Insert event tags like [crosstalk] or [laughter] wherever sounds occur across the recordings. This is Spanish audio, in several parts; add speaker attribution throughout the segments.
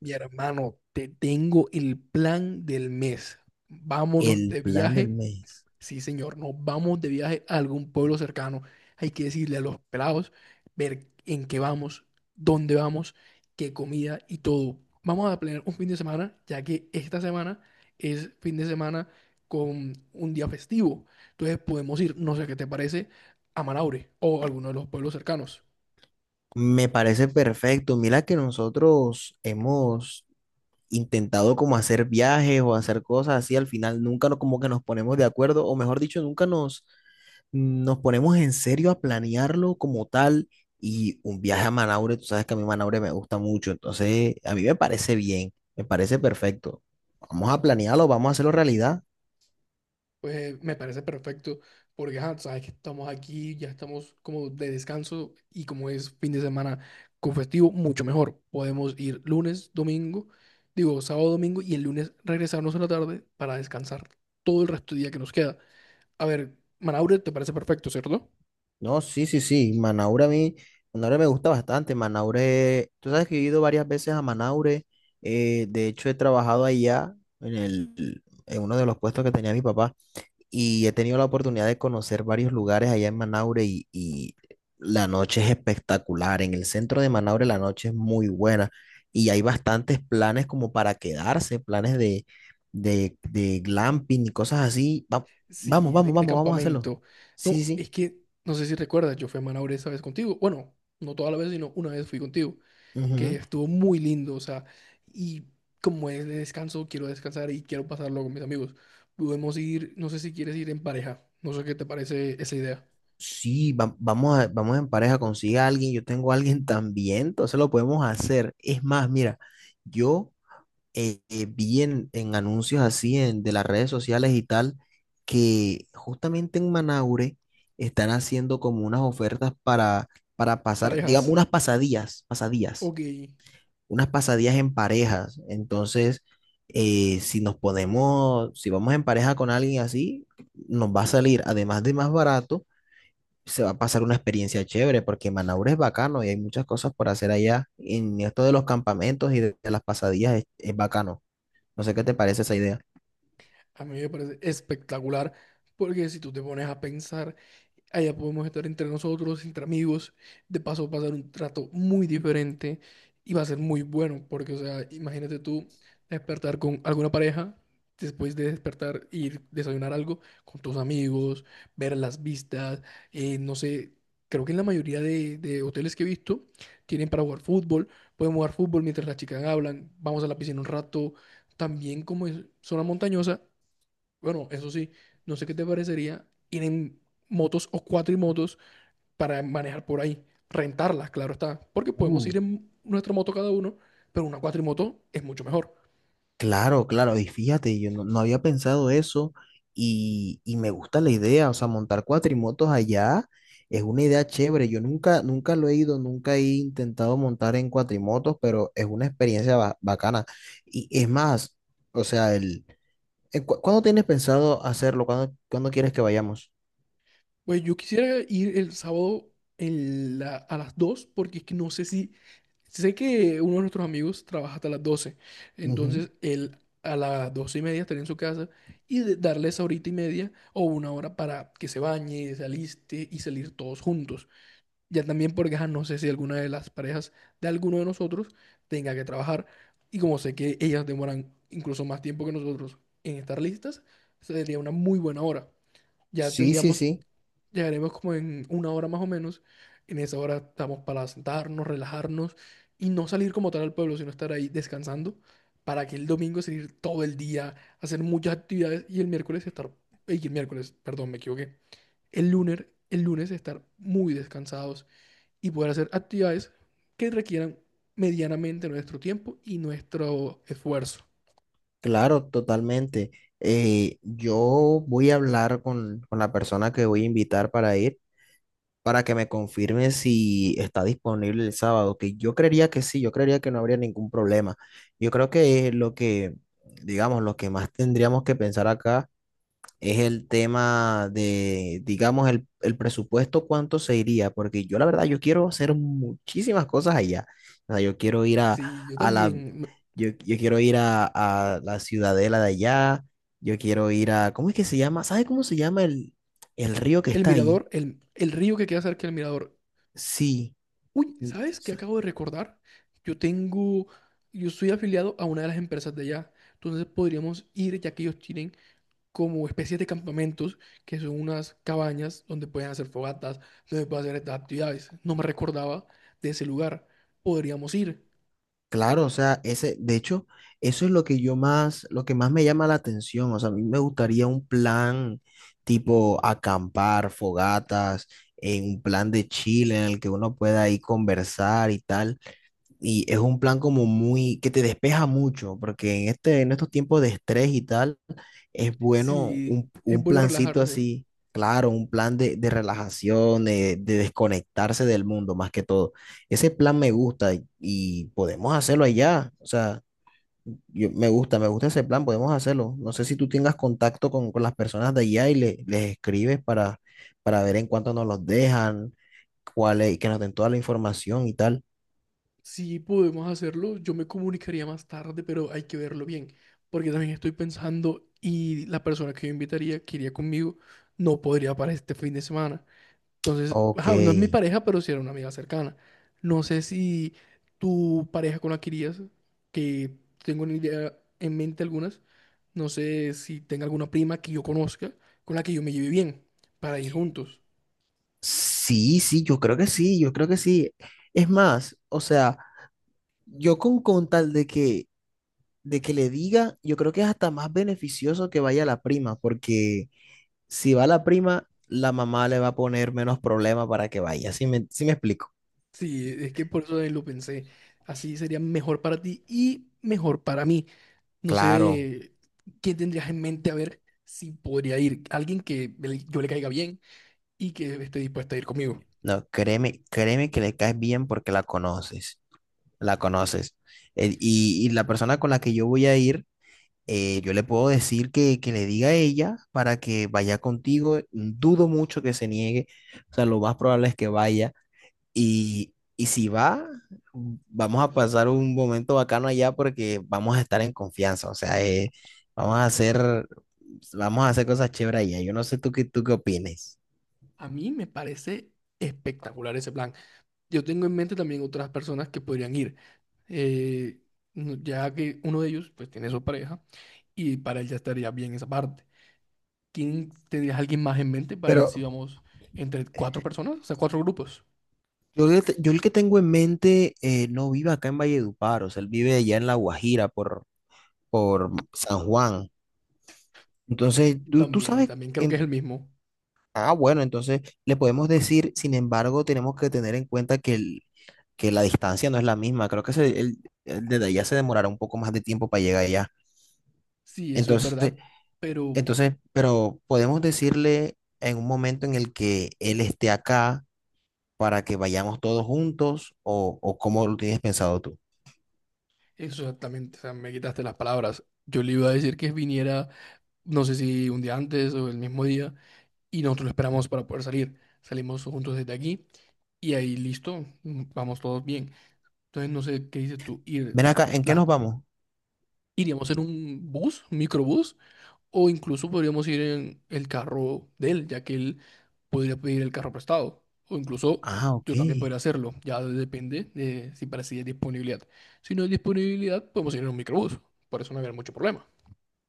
Speaker 1: Mi hermano, te tengo el plan del mes. Vámonos
Speaker 2: El
Speaker 1: de
Speaker 2: plan del
Speaker 1: viaje.
Speaker 2: mes.
Speaker 1: Sí, señor, nos vamos de viaje a algún pueblo cercano. Hay que decirle a los pelados, ver en qué vamos, dónde vamos, qué comida y todo. Vamos a planear un fin de semana, ya que esta semana es fin de semana con un día festivo. Entonces podemos ir, no sé qué te parece, a Manaure o alguno de los pueblos cercanos.
Speaker 2: Me parece perfecto. Mira que nosotros hemos intentado como hacer viajes o hacer cosas así, al final nunca no- como que nos ponemos de acuerdo, o mejor dicho, nunca nos, nos ponemos en serio a planearlo como tal. Y un viaje a Manaure, tú sabes que a mí Manaure me gusta mucho, entonces a mí me parece bien, me parece perfecto. Vamos a planearlo, vamos a hacerlo realidad.
Speaker 1: Pues me parece perfecto, porque ajá, sabes que estamos aquí, ya estamos como de descanso y como es fin de semana con festivo, mucho mejor. Podemos ir lunes, domingo, digo sábado, domingo y el lunes regresarnos a la tarde para descansar todo el resto del día que nos queda. A ver, Manaure, ¿te parece perfecto, cierto?
Speaker 2: No, sí, sí, sí. Manaure a mí, Manaure me gusta bastante. Manaure, tú sabes que he ido varias veces a Manaure. De hecho, he trabajado allá en en uno de los puestos que tenía mi papá y he tenido la oportunidad de conocer varios lugares allá en Manaure y la noche es espectacular. En el centro de Manaure la noche es muy buena y hay bastantes planes como para quedarse, planes de glamping y cosas así. Va- vamos,
Speaker 1: Sí, de,
Speaker 2: vamos,
Speaker 1: de
Speaker 2: vamos, vamos a hacerlo.
Speaker 1: campamento.
Speaker 2: Sí,
Speaker 1: No,
Speaker 2: sí.
Speaker 1: es que no sé si recuerdas, yo fui a Manaure esa vez contigo. Bueno, no toda la vez, sino una vez fui contigo, que
Speaker 2: Sí.
Speaker 1: estuvo muy lindo, o sea, y como es de descanso, quiero descansar y quiero pasarlo con mis amigos. Podemos ir, no sé si quieres ir en pareja, no sé qué te parece esa idea.
Speaker 2: Sí, vamos a, vamos en pareja, consigue a alguien, yo tengo a alguien [laughs] también, entonces lo podemos hacer. Es más, mira, yo vi en anuncios así en, de las redes sociales y tal, que justamente en Manaure están haciendo como unas ofertas para pasar, digamos,
Speaker 1: Parejas,
Speaker 2: unas pasadías, pasadías,
Speaker 1: ok,
Speaker 2: unas pasadías en parejas. Entonces, si nos ponemos, si vamos en pareja con alguien así, nos va a salir, además de más barato, se va a pasar una experiencia chévere porque Manaure es bacano y hay muchas cosas por hacer allá. En esto de los campamentos y de las pasadillas es bacano. No sé qué te parece esa idea.
Speaker 1: a mí me parece espectacular, porque si tú te pones a pensar, allá podemos estar entre nosotros, entre amigos. De paso, va a ser un trato muy diferente y va a ser muy bueno, porque, o sea, imagínate tú despertar con alguna pareja, después de despertar, ir desayunar algo con tus amigos, ver las vistas, no sé. Creo que en la mayoría de hoteles que he visto tienen para jugar fútbol. Podemos jugar fútbol mientras las chicas hablan. Vamos a la piscina un rato. También como es zona montañosa, bueno, eso sí, no sé qué te parecería ir en motos o cuatrimotos para manejar por ahí, rentarlas, claro está, porque podemos
Speaker 2: Uh,
Speaker 1: ir en nuestra moto cada uno, pero una cuatrimoto es mucho mejor.
Speaker 2: Claro, claro, y fíjate, yo no, no había pensado eso y me gusta la idea, o sea, montar cuatrimotos allá es una idea chévere, yo nunca, nunca lo he ido, nunca he intentado montar en cuatrimotos, pero es una experiencia bacana. Y es más, o sea, ¿cuándo tienes pensado hacerlo? ¿Cuándo, cuándo quieres que vayamos?
Speaker 1: Pues yo quisiera ir el sábado a las 2, porque es que no sé si, sé que uno de nuestros amigos trabaja hasta las 12,
Speaker 2: Ujú.
Speaker 1: entonces él a las 12 y media estaría en su casa y darle esa horita y media o una hora para que se bañe, se aliste y salir todos juntos. Ya también porque ajá, no sé si alguna de las parejas de alguno de nosotros tenga que trabajar. Y como sé que ellas demoran incluso más tiempo que nosotros en estar listas, sería una muy buena hora. Ya
Speaker 2: Sí, sí,
Speaker 1: tendríamos,
Speaker 2: sí,
Speaker 1: llegaremos como en una hora más o menos. En esa hora estamos para sentarnos, relajarnos y no salir como tal al pueblo, sino estar ahí descansando para que el domingo salir todo el día, hacer muchas actividades y el miércoles estar, y el miércoles, perdón, me equivoqué. El lunes estar muy descansados y poder hacer actividades que requieran medianamente nuestro tiempo y nuestro esfuerzo.
Speaker 2: claro, totalmente. Yo voy a hablar con la persona que voy a invitar para ir, para que me confirme si está disponible el sábado, que yo creería que sí, yo creería que no habría ningún problema. Yo creo que es lo que, digamos, lo que más tendríamos que pensar acá es el tema de, digamos, el presupuesto, cuánto se iría, porque yo la verdad, yo quiero hacer muchísimas cosas allá. O sea, yo quiero ir
Speaker 1: Sí, yo
Speaker 2: a la,
Speaker 1: también.
Speaker 2: yo, yo quiero ir a la ciudadela de allá, yo quiero ir a, ¿cómo es que se llama? ¿Sabe cómo se llama el río que
Speaker 1: El
Speaker 2: está ahí?
Speaker 1: mirador, el río que queda cerca del mirador.
Speaker 2: Sí.
Speaker 1: Uy,
Speaker 2: Mm.
Speaker 1: ¿sabes qué acabo de recordar? Yo tengo, yo soy afiliado a una de las empresas de allá. Entonces podríamos ir, ya que ellos tienen como especies de campamentos, que son unas cabañas donde pueden hacer fogatas, donde pueden hacer estas actividades. No me recordaba de ese lugar. Podríamos ir.
Speaker 2: Claro, o sea, ese, de hecho, eso es lo que yo más, lo que más me llama la atención. O sea, a mí me gustaría un plan tipo acampar, fogatas, un plan de Chile en el que uno pueda ahí conversar y tal. Y es un plan como muy, que te despeja mucho, porque en este, en estos tiempos de estrés y tal, es bueno
Speaker 1: Sí, es
Speaker 2: un
Speaker 1: bueno
Speaker 2: plancito
Speaker 1: relajarse.
Speaker 2: así, claro, un plan de relajación, de desconectarse del mundo más que todo. Ese plan me gusta y podemos hacerlo allá. O sea, yo, me gusta ese plan, podemos hacerlo. No sé si tú tengas contacto con las personas de allá y les escribes para ver en cuánto nos los dejan, cuál es, que nos den toda la información y tal.
Speaker 1: Si podemos hacerlo, yo me comunicaría más tarde, pero hay que verlo bien, porque también estoy pensando y la persona que yo invitaría, que iría conmigo, no podría para este fin de semana. Entonces,
Speaker 2: Ok.
Speaker 1: ajá, no es mi pareja, pero sí era una amiga cercana. No sé si tu pareja con la que irías, que tengo una idea en mente algunas, no sé si tenga alguna prima que yo conozca con la que yo me lleve bien para ir juntos.
Speaker 2: Sí, sí, yo creo que sí, yo creo que sí. Es más, o sea, yo con tal de que le diga, yo creo que es hasta más beneficioso que vaya la prima, porque si va la prima, la mamá le va a poner menos problema para que vaya. Sí me explico?
Speaker 1: Sí, es que por eso también lo pensé. Así sería mejor para ti y mejor para mí. No
Speaker 2: Claro,
Speaker 1: sé quién tendrías en mente a ver si podría ir. Alguien que yo le caiga bien y que esté dispuesta a ir conmigo.
Speaker 2: no, créeme, créeme que le caes bien porque la conoces, la conoces. Y la persona con la que yo voy a ir, yo le puedo decir que le diga a ella para que vaya contigo. Dudo mucho que se niegue. O sea, lo más probable es que vaya. Y si va, vamos a pasar un momento bacano allá porque vamos a estar en confianza. O sea, vamos a hacer, vamos a hacer cosas chéveres allá. Yo no sé tú qué opines.
Speaker 1: A mí me parece espectacular ese plan. Yo tengo en mente también otras personas que podrían ir. eh, ya que uno de ellos pues tiene su pareja y para él ya estaría bien esa parte. ¿Quién tendrías alguien más en mente para ver si
Speaker 2: Pero
Speaker 1: vamos entre cuatro personas? O sea, cuatro grupos.
Speaker 2: yo, yo el que tengo en mente no vive acá en Valledupar. O sea, él vive allá en La Guajira por San Juan. Entonces,
Speaker 1: Yo
Speaker 2: tú
Speaker 1: también,
Speaker 2: sabes
Speaker 1: también creo que es
Speaker 2: en.
Speaker 1: el mismo.
Speaker 2: Ah, bueno, entonces le podemos decir, sin embargo, tenemos que tener en cuenta que, que la distancia no es la misma. Creo que el desde allá se demorará un poco más de tiempo para llegar allá.
Speaker 1: Sí, eso es
Speaker 2: Entonces,
Speaker 1: verdad. Pero
Speaker 2: entonces, pero podemos decirle en un momento en el que él esté acá para que vayamos todos juntos o cómo lo tienes pensado tú.
Speaker 1: exactamente, o sea, me quitaste las palabras. Yo le iba a decir que viniera, no sé si un día antes o el mismo día, y nosotros lo esperamos para poder salir. Salimos juntos desde aquí y ahí listo, mm, vamos todos bien. Entonces no sé qué dices tú, ir,
Speaker 2: Ven acá, ¿en qué nos
Speaker 1: la,
Speaker 2: vamos?
Speaker 1: iríamos en un bus, un microbús. O incluso podríamos ir en el carro de él, ya que él podría pedir el carro prestado. O incluso
Speaker 2: Ah, ok.
Speaker 1: yo también podría hacerlo. Ya depende de si para sí hay disponibilidad. Si no hay disponibilidad, podemos ir en un microbús. Por eso no habrá mucho problema.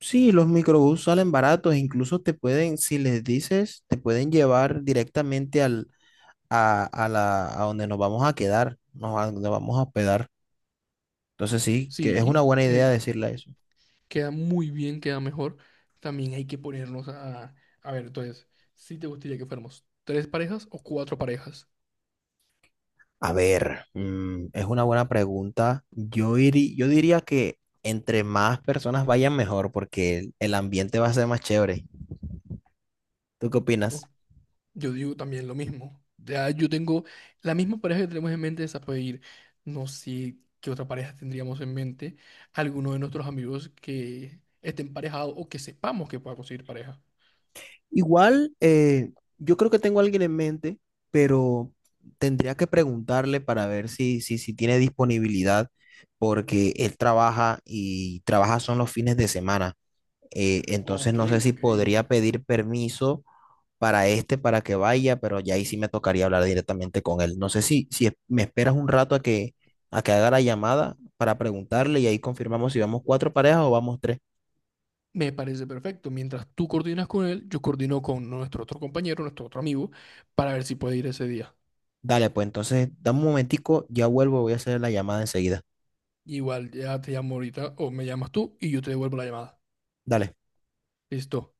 Speaker 2: Sí, los microbús salen baratos, incluso te pueden, si les dices, te pueden llevar directamente a donde nos vamos a quedar, nos, a donde vamos a hospedar. Entonces sí, que es una
Speaker 1: Sí,
Speaker 2: buena idea
Speaker 1: es,
Speaker 2: decirle eso.
Speaker 1: queda muy bien, queda mejor. También hay que ponernos a... A ver, entonces, ¿si te gustaría que fuéramos tres parejas o cuatro parejas?
Speaker 2: A ver, mm, es una buena pregunta. Yo, yo diría que entre más personas vayan mejor porque el ambiente va a ser más chévere. ¿Tú qué opinas?
Speaker 1: Yo digo también lo mismo. Ya yo tengo la misma pareja que tenemos en mente, esa puede ir. No sé qué otra pareja tendríamos en mente. Alguno de nuestros amigos que esté emparejado o que sepamos que pueda conseguir pareja.
Speaker 2: Igual, yo creo que tengo a alguien en mente, pero tendría que preguntarle para ver si tiene disponibilidad porque él trabaja y trabaja son los fines de semana. Entonces
Speaker 1: Ok,
Speaker 2: no sé si
Speaker 1: ok.
Speaker 2: podría pedir permiso para este, para que vaya, pero ya ahí sí me tocaría hablar directamente con él. No sé si, si es- me esperas un rato a que haga la llamada para preguntarle y ahí confirmamos si vamos cuatro parejas o vamos tres.
Speaker 1: Me parece perfecto. Mientras tú coordinas con él, yo coordino con nuestro otro compañero, nuestro otro amigo, para ver si puede ir ese día.
Speaker 2: Dale, pues entonces dame un momentico, ya vuelvo, voy a hacer la llamada enseguida.
Speaker 1: Igual ya te llamo ahorita o me llamas tú y yo te devuelvo la llamada.
Speaker 2: Dale.
Speaker 1: Listo.